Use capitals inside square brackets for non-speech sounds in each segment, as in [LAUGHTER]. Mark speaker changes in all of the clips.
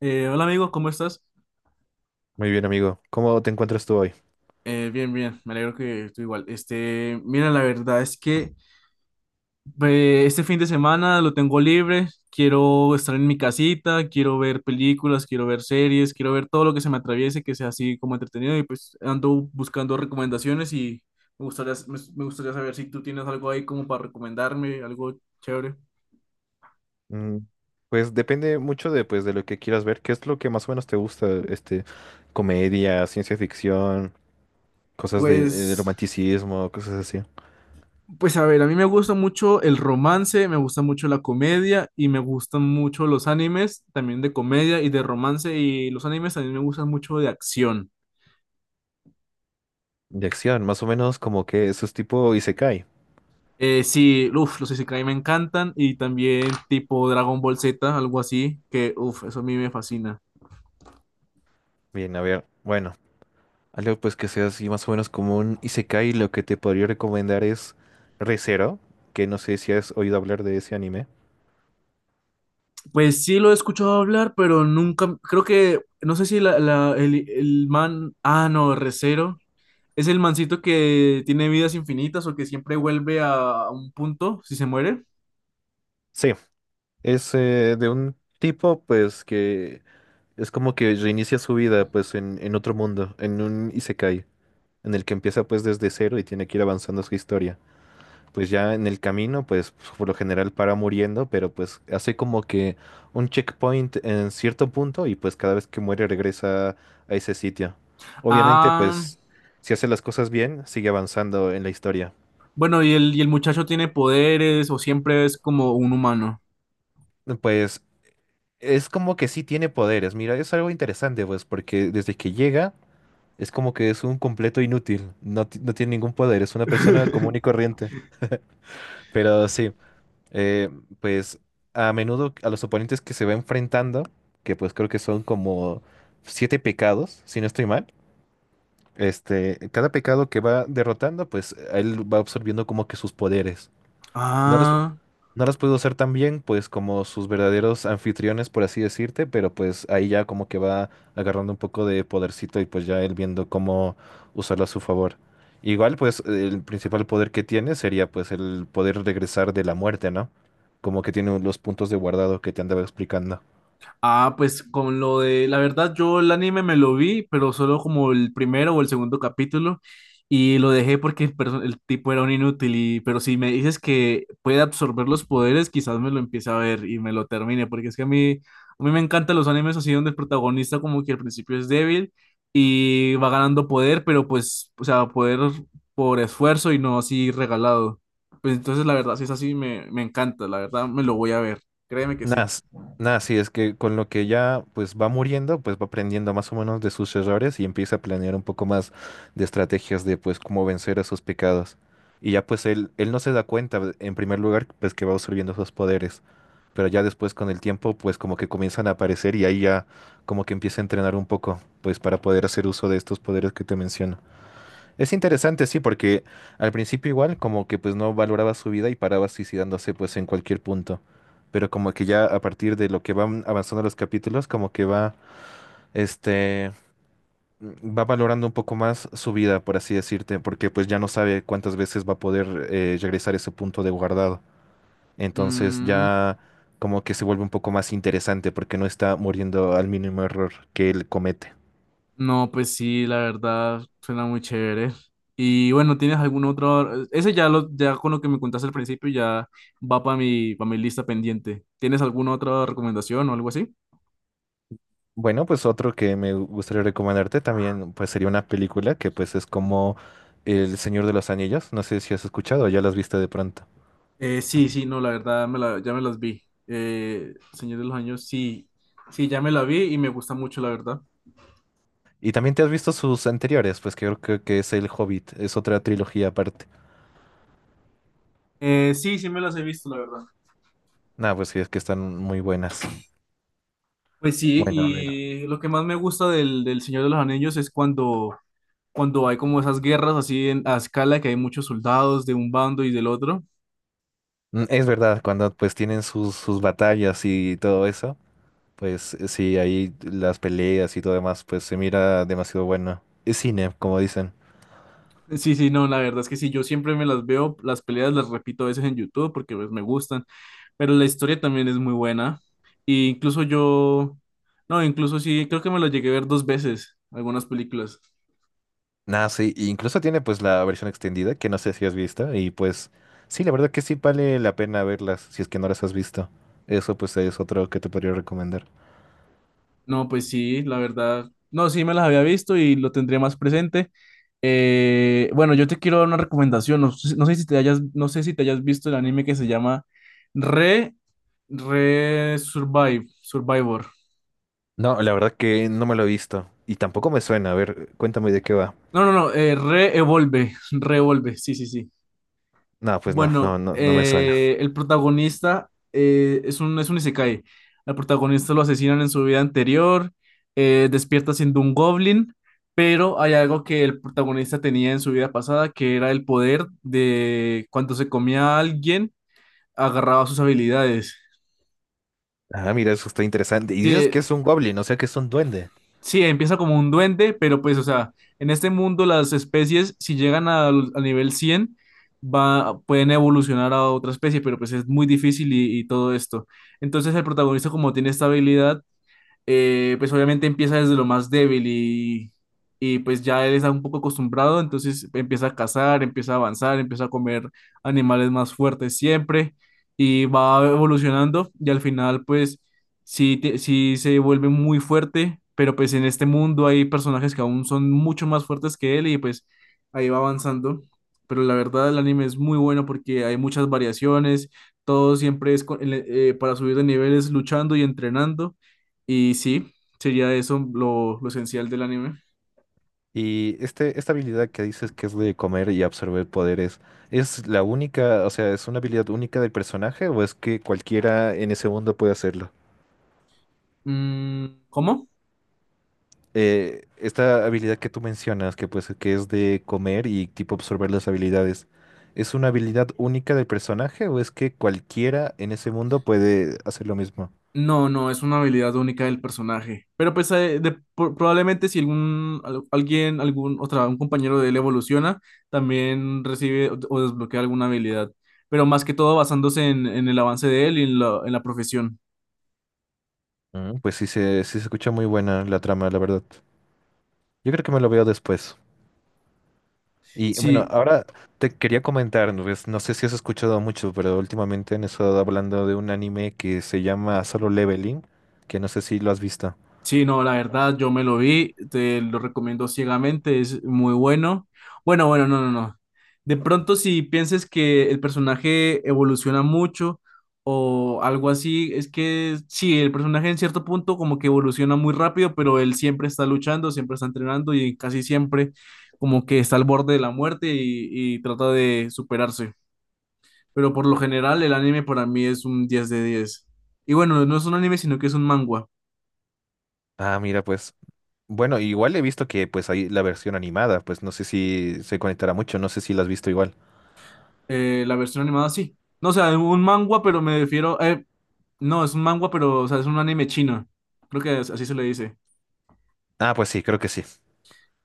Speaker 1: Hola, amigo, ¿cómo estás?
Speaker 2: Muy bien, amigo. ¿Cómo te encuentras tú hoy?
Speaker 1: Bien, bien, me alegro que tú igual. Mira, la verdad es que este fin de semana lo tengo libre, quiero estar en mi casita, quiero ver películas, quiero ver series, quiero ver todo lo que se me atraviese, que sea así como entretenido, y pues ando buscando recomendaciones. Y me gustaría saber si tú tienes algo ahí como para recomendarme, algo chévere.
Speaker 2: Mm. Pues depende mucho de, pues, de lo que quieras ver. ¿Qué es lo que más o menos te gusta? Comedia, ciencia ficción, cosas de,
Speaker 1: Pues
Speaker 2: romanticismo, cosas así.
Speaker 1: Pues a ver, a mí me gusta mucho el romance, me gusta mucho la comedia y me gustan mucho los animes, también de comedia y de romance, y los animes también me gustan mucho de acción.
Speaker 2: De acción, más o menos como que eso es tipo Isekai.
Speaker 1: Sí, uff, los Isekai me encantan, y también tipo Dragon Ball Z, algo así, que uff, eso a mí me fascina.
Speaker 2: Bien, a ver, bueno, algo pues que sea así más o menos como un Isekai, lo que te podría recomendar es Re:Zero, que no sé si has oído hablar de ese anime.
Speaker 1: Pues sí lo he escuchado hablar, pero nunca, creo que, no sé si el man, ah, no, Recero. Es el mancito que tiene vidas infinitas, o que siempre vuelve a un punto si se muere.
Speaker 2: Sí, es de un tipo pues que es como que reinicia su vida pues en otro mundo, en un Isekai, en el que empieza pues desde cero y tiene que ir avanzando su historia. Pues ya en el camino, pues por lo general para muriendo, pero pues hace como que un checkpoint en cierto punto y pues cada vez que muere regresa a ese sitio. Obviamente,
Speaker 1: Ah.
Speaker 2: pues si hace las cosas bien, sigue avanzando en la historia.
Speaker 1: Bueno, ¿y el muchacho tiene poderes o siempre es como un humano?
Speaker 2: Pues es como que sí tiene poderes. Mira, es algo interesante, pues porque desde que llega es como que es un completo inútil. No, no tiene ningún poder, es una persona común y
Speaker 1: [LAUGHS]
Speaker 2: corriente. Pero sí. eh, pues a menudo a los oponentes que se va enfrentando, que pues creo que son como siete pecados, si no estoy mal, este, cada pecado que va derrotando, pues él va absorbiendo como que sus poderes. No los
Speaker 1: Ah.
Speaker 2: no las pudo hacer tan bien, pues como sus verdaderos anfitriones, por así decirte, pero pues ahí ya como que va agarrando un poco de podercito y pues ya él viendo cómo usarlo a su favor. Igual, pues el principal poder que tiene sería pues el poder regresar de la muerte, ¿no? Como que tiene los puntos de guardado que te andaba explicando.
Speaker 1: Ah, pues con lo de, la verdad, yo el anime me lo vi, pero solo como el primero o el segundo capítulo, y lo dejé porque el tipo era un inútil, y, pero si me dices que puede absorber los poderes, quizás me lo empiece a ver y me lo termine, porque es que a mí me encantan los animes así donde el protagonista como que al principio es débil y va ganando poder, pero pues, o sea, poder por esfuerzo y no así regalado. Pues entonces, la verdad, si es así, me encanta, la verdad, me lo voy a ver, créeme que sí.
Speaker 2: Nada, s- nada, sí, es que con lo que ya pues va muriendo, pues va aprendiendo más o menos de sus errores y empieza a planear un poco más de estrategias de pues cómo vencer a sus pecados. Y ya pues él no se da cuenta, pues, en primer lugar, pues que va absorbiendo sus poderes, pero ya después con el tiempo pues como que comienzan a aparecer y ahí ya como que empieza a entrenar un poco, pues para poder hacer uso de estos poderes que te menciono. Es interesante, sí, porque al principio igual como que pues no valoraba su vida y paraba suicidándose pues en cualquier punto. Pero como que ya a partir de lo que van avanzando los capítulos, como que va, este, va valorando un poco más su vida, por así decirte, porque pues ya no sabe cuántas veces va a poder regresar a ese punto de guardado. Entonces
Speaker 1: Mm.
Speaker 2: ya como que se vuelve un poco más interesante porque no está muriendo al mínimo error que él comete.
Speaker 1: No, pues sí, la verdad suena muy chévere. Y bueno, ¿tienes algún otro? Ese ya ya con lo que me contaste al principio ya va para mi lista pendiente. ¿Tienes alguna otra recomendación o algo así?
Speaker 2: Bueno, pues otro que me gustaría recomendarte también, pues sería una película que pues es como El Señor de los Anillos. No sé si has escuchado o ya las viste de pronto.
Speaker 1: Sí, sí, no, la verdad ya me las vi. Señor de los Años, sí, sí, ya me la vi y me gusta mucho, la verdad.
Speaker 2: Y también te has visto sus anteriores, pues que creo que es El Hobbit, es otra trilogía aparte.
Speaker 1: Sí, sí me las he visto, la verdad.
Speaker 2: Nah, pues sí, es que están muy buenas.
Speaker 1: Pues sí,
Speaker 2: Bueno, a ver.
Speaker 1: y lo que más me gusta del Señor de los Anillos es cuando, hay como esas guerras así a escala, que hay muchos soldados de un bando y del otro.
Speaker 2: Mm, es verdad, cuando pues tienen sus, sus batallas y todo eso, pues sí, ahí las peleas y todo demás, pues se mira demasiado bueno. Es cine, como dicen.
Speaker 1: Sí, sí, no, la verdad es que sí, yo siempre me las veo, las peleas las repito a veces en YouTube porque pues, me gustan, pero la historia también es muy buena. Y incluso yo, no, incluso sí, creo que me las llegué a ver dos veces, algunas películas.
Speaker 2: Nada, sí, e incluso tiene pues la versión extendida que no sé si has visto y pues sí, la verdad que sí vale la pena verlas si es que no las has visto. Eso pues es otro que te podría recomendar.
Speaker 1: No, pues sí, la verdad, no, sí me las había visto y lo tendría más presente. Bueno, yo te quiero dar una recomendación, no, sé- no sé si te hayas, no sé si te hayas visto el anime que se llama Re, Re Survive, Survivor.
Speaker 2: No, la verdad que no me lo he visto y tampoco me suena. A ver, cuéntame de qué va.
Speaker 1: No, no, no, Re-Evolve, Re-Evolve, sí, sí, sí.
Speaker 2: No, pues no, no,
Speaker 1: Bueno,
Speaker 2: no, no me suena.
Speaker 1: el protagonista es un isekai. Al protagonista lo asesinan en su vida anterior, despierta siendo un goblin, pero hay algo que el protagonista tenía en su vida pasada, que era el poder de cuando se comía a alguien, agarraba sus habilidades.
Speaker 2: Ah, mira, eso está interesante. Y dices que
Speaker 1: Sí,
Speaker 2: es un goblin, o sea que es un duende.
Speaker 1: sí, empieza como un duende, pero pues, o sea, en este mundo las especies, si llegan al nivel 100, va, pueden evolucionar a otra especie, pero pues es muy difícil y todo esto. Entonces el protagonista, como tiene esta habilidad, pues obviamente empieza desde lo más débil, y pues ya él está un poco acostumbrado, entonces empieza a cazar, empieza a avanzar, empieza a comer animales más fuertes siempre, y va evolucionando, y al final pues sí se vuelve muy fuerte, pero pues en este mundo hay personajes que aún son mucho más fuertes que él, y pues ahí va avanzando. Pero la verdad, el anime es muy bueno porque hay muchas variaciones, todo siempre es para subir de niveles luchando y entrenando. Y sí, sería eso lo esencial del anime.
Speaker 2: Y este, esta habilidad que dices que es de comer y absorber poderes, ¿es la única, o sea, es una habilidad única del personaje o es que cualquiera en ese mundo puede hacerlo?
Speaker 1: Mm, ¿cómo?
Speaker 2: Esta habilidad que tú mencionas, que pues que es de comer y tipo absorber las habilidades, ¿es una habilidad única del personaje o es que cualquiera en ese mundo puede hacer lo mismo?
Speaker 1: No, no, es una habilidad única del personaje. Pero pues probablemente si algún, al- alguien, algún otra, un compañero de él evoluciona, también recibe o desbloquea alguna habilidad. Pero más que todo basándose en el avance de él, y en la profesión.
Speaker 2: Mm, pues sí se escucha muy buena la trama, la verdad. Yo creo que me lo veo después. Y bueno,
Speaker 1: Sí,
Speaker 2: ahora te quería comentar, pues, no sé si has escuchado mucho, pero últimamente han estado hablando de un anime que se llama Solo Leveling, que no sé si lo has visto.
Speaker 1: sí, no, la verdad, yo me lo vi, te lo recomiendo ciegamente, es muy bueno. Bueno, bueno, no, no, no. De pronto, si piensas que el personaje evoluciona mucho o algo así, es que sí, el personaje en cierto punto como que evoluciona muy rápido, pero él siempre está luchando, siempre está entrenando y casi siempre como que está al borde de la muerte, y trata de superarse. Pero por lo general, el anime para mí es un 10 de 10. Y bueno, no es un anime, sino que es un manga.
Speaker 2: Ah, mira, pues bueno, igual he visto que pues hay la versión animada, pues no sé si se conectará mucho, no sé si la has visto igual.
Speaker 1: La versión animada sí. No, o sea, un manga, pero me refiero, no, es un manga, pero o sea, es un anime chino. Creo que así se le dice.
Speaker 2: Ah, pues sí, creo que sí.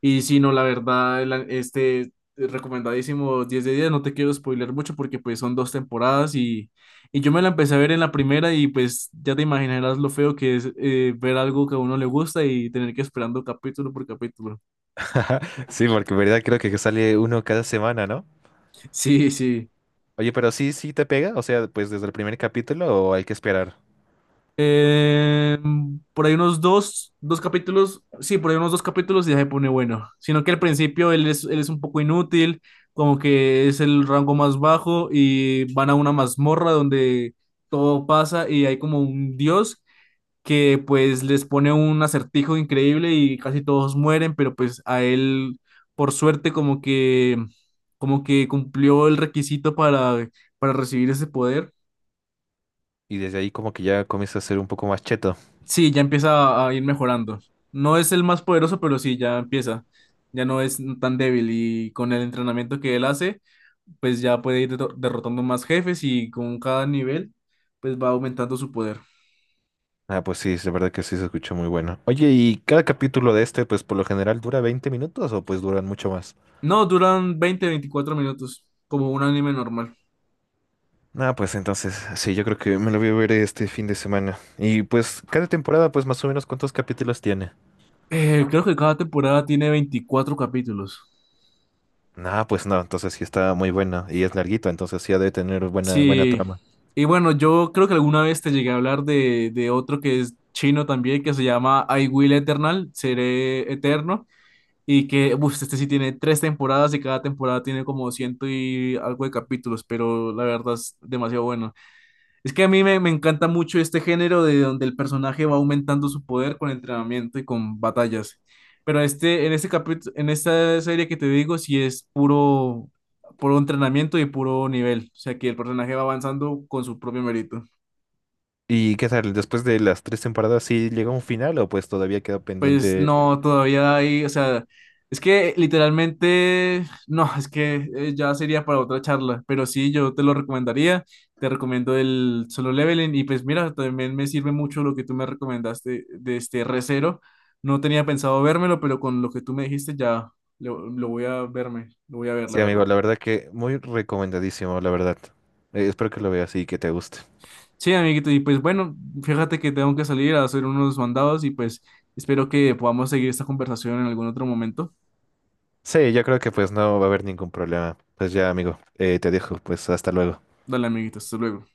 Speaker 1: Y sí, no, la verdad, el a- este recomendadísimo, 10 de 10. No te quiero spoiler mucho porque pues son dos temporadas, y yo me la empecé a ver en la primera, y pues ya te imaginarás lo feo que es ver algo que a uno le gusta y tener que esperando capítulo por capítulo.
Speaker 2: [LAUGHS] Sí, porque en verdad creo que sale uno cada semana, ¿no?
Speaker 1: [LAUGHS] Sí, sí.
Speaker 2: Oye, pero sí, sí te pega, o sea, pues desde el primer capítulo o hay que esperar.
Speaker 1: Eh, por ahí unos dos capítulos, sí, por ahí unos dos capítulos y ya se pone bueno. Sino que al principio él es un poco inútil, como que es el rango más bajo, y van a una mazmorra donde todo pasa y hay como un dios que pues les pone un acertijo increíble y casi todos mueren, pero pues a él por suerte como que cumplió el requisito para recibir ese poder.
Speaker 2: Y desde ahí como que ya comienza a ser un poco más cheto.
Speaker 1: Sí, ya empieza a ir mejorando. No es el más poderoso, pero sí, ya empieza. Ya no es tan débil, y con el entrenamiento que él hace, pues ya puede ir derrotando más jefes, y con cada nivel, pues va aumentando su poder.
Speaker 2: Ah, pues sí, es verdad que sí se escuchó muy bueno. Oye, ¿y cada capítulo de este pues por lo general dura 20 minutos o pues duran mucho más?
Speaker 1: No, duran 20 24 minutos, como un anime normal.
Speaker 2: Ah, pues entonces, sí, yo creo que me lo voy a ver este fin de semana. Y pues cada temporada pues más o menos ¿cuántos capítulos tiene?
Speaker 1: Creo que cada temporada tiene 24 capítulos.
Speaker 2: Ah, pues no, entonces sí está muy buena y es larguito, entonces sí ha de tener buena, buena
Speaker 1: Sí.
Speaker 2: trama.
Speaker 1: Y bueno, yo creo que alguna vez te llegué a hablar de otro que es chino también, que se llama I Will Eternal, Seré Eterno. Y que, uff, este sí tiene tres temporadas y cada temporada tiene como ciento y algo de capítulos, pero la verdad es demasiado bueno. Es que a mí me encanta mucho este género de donde el personaje va aumentando su poder con entrenamiento y con batallas. Pero en este capítulo, en esta serie que te digo, sí es puro, puro entrenamiento y puro nivel. O sea que el personaje va avanzando con su propio mérito.
Speaker 2: ¿Y qué tal? Después de las tres temporadas, ¿sí llegó a un final o pues todavía queda
Speaker 1: Pues
Speaker 2: pendiente?
Speaker 1: no, todavía hay, o sea, es que literalmente, no, es que ya sería para otra charla, pero sí, yo te lo recomendaría, te recomiendo el Solo Leveling, y pues mira, también me sirve mucho lo que tú me recomendaste de este recero. No tenía pensado vérmelo, pero con lo que tú me dijiste ya lo voy a verme, lo voy a ver, la
Speaker 2: Sí, amigo,
Speaker 1: verdad.
Speaker 2: la verdad que muy recomendadísimo, la verdad. Espero que lo veas y que te guste.
Speaker 1: Sí, amiguito, y pues bueno, fíjate que tengo que salir a hacer unos mandados, y pues espero que podamos seguir esta conversación en algún otro momento.
Speaker 2: Sí, yo creo que pues no va a haber ningún problema. Pues ya, amigo, te dejo, pues hasta luego.
Speaker 1: Dale, amiguito, hasta luego.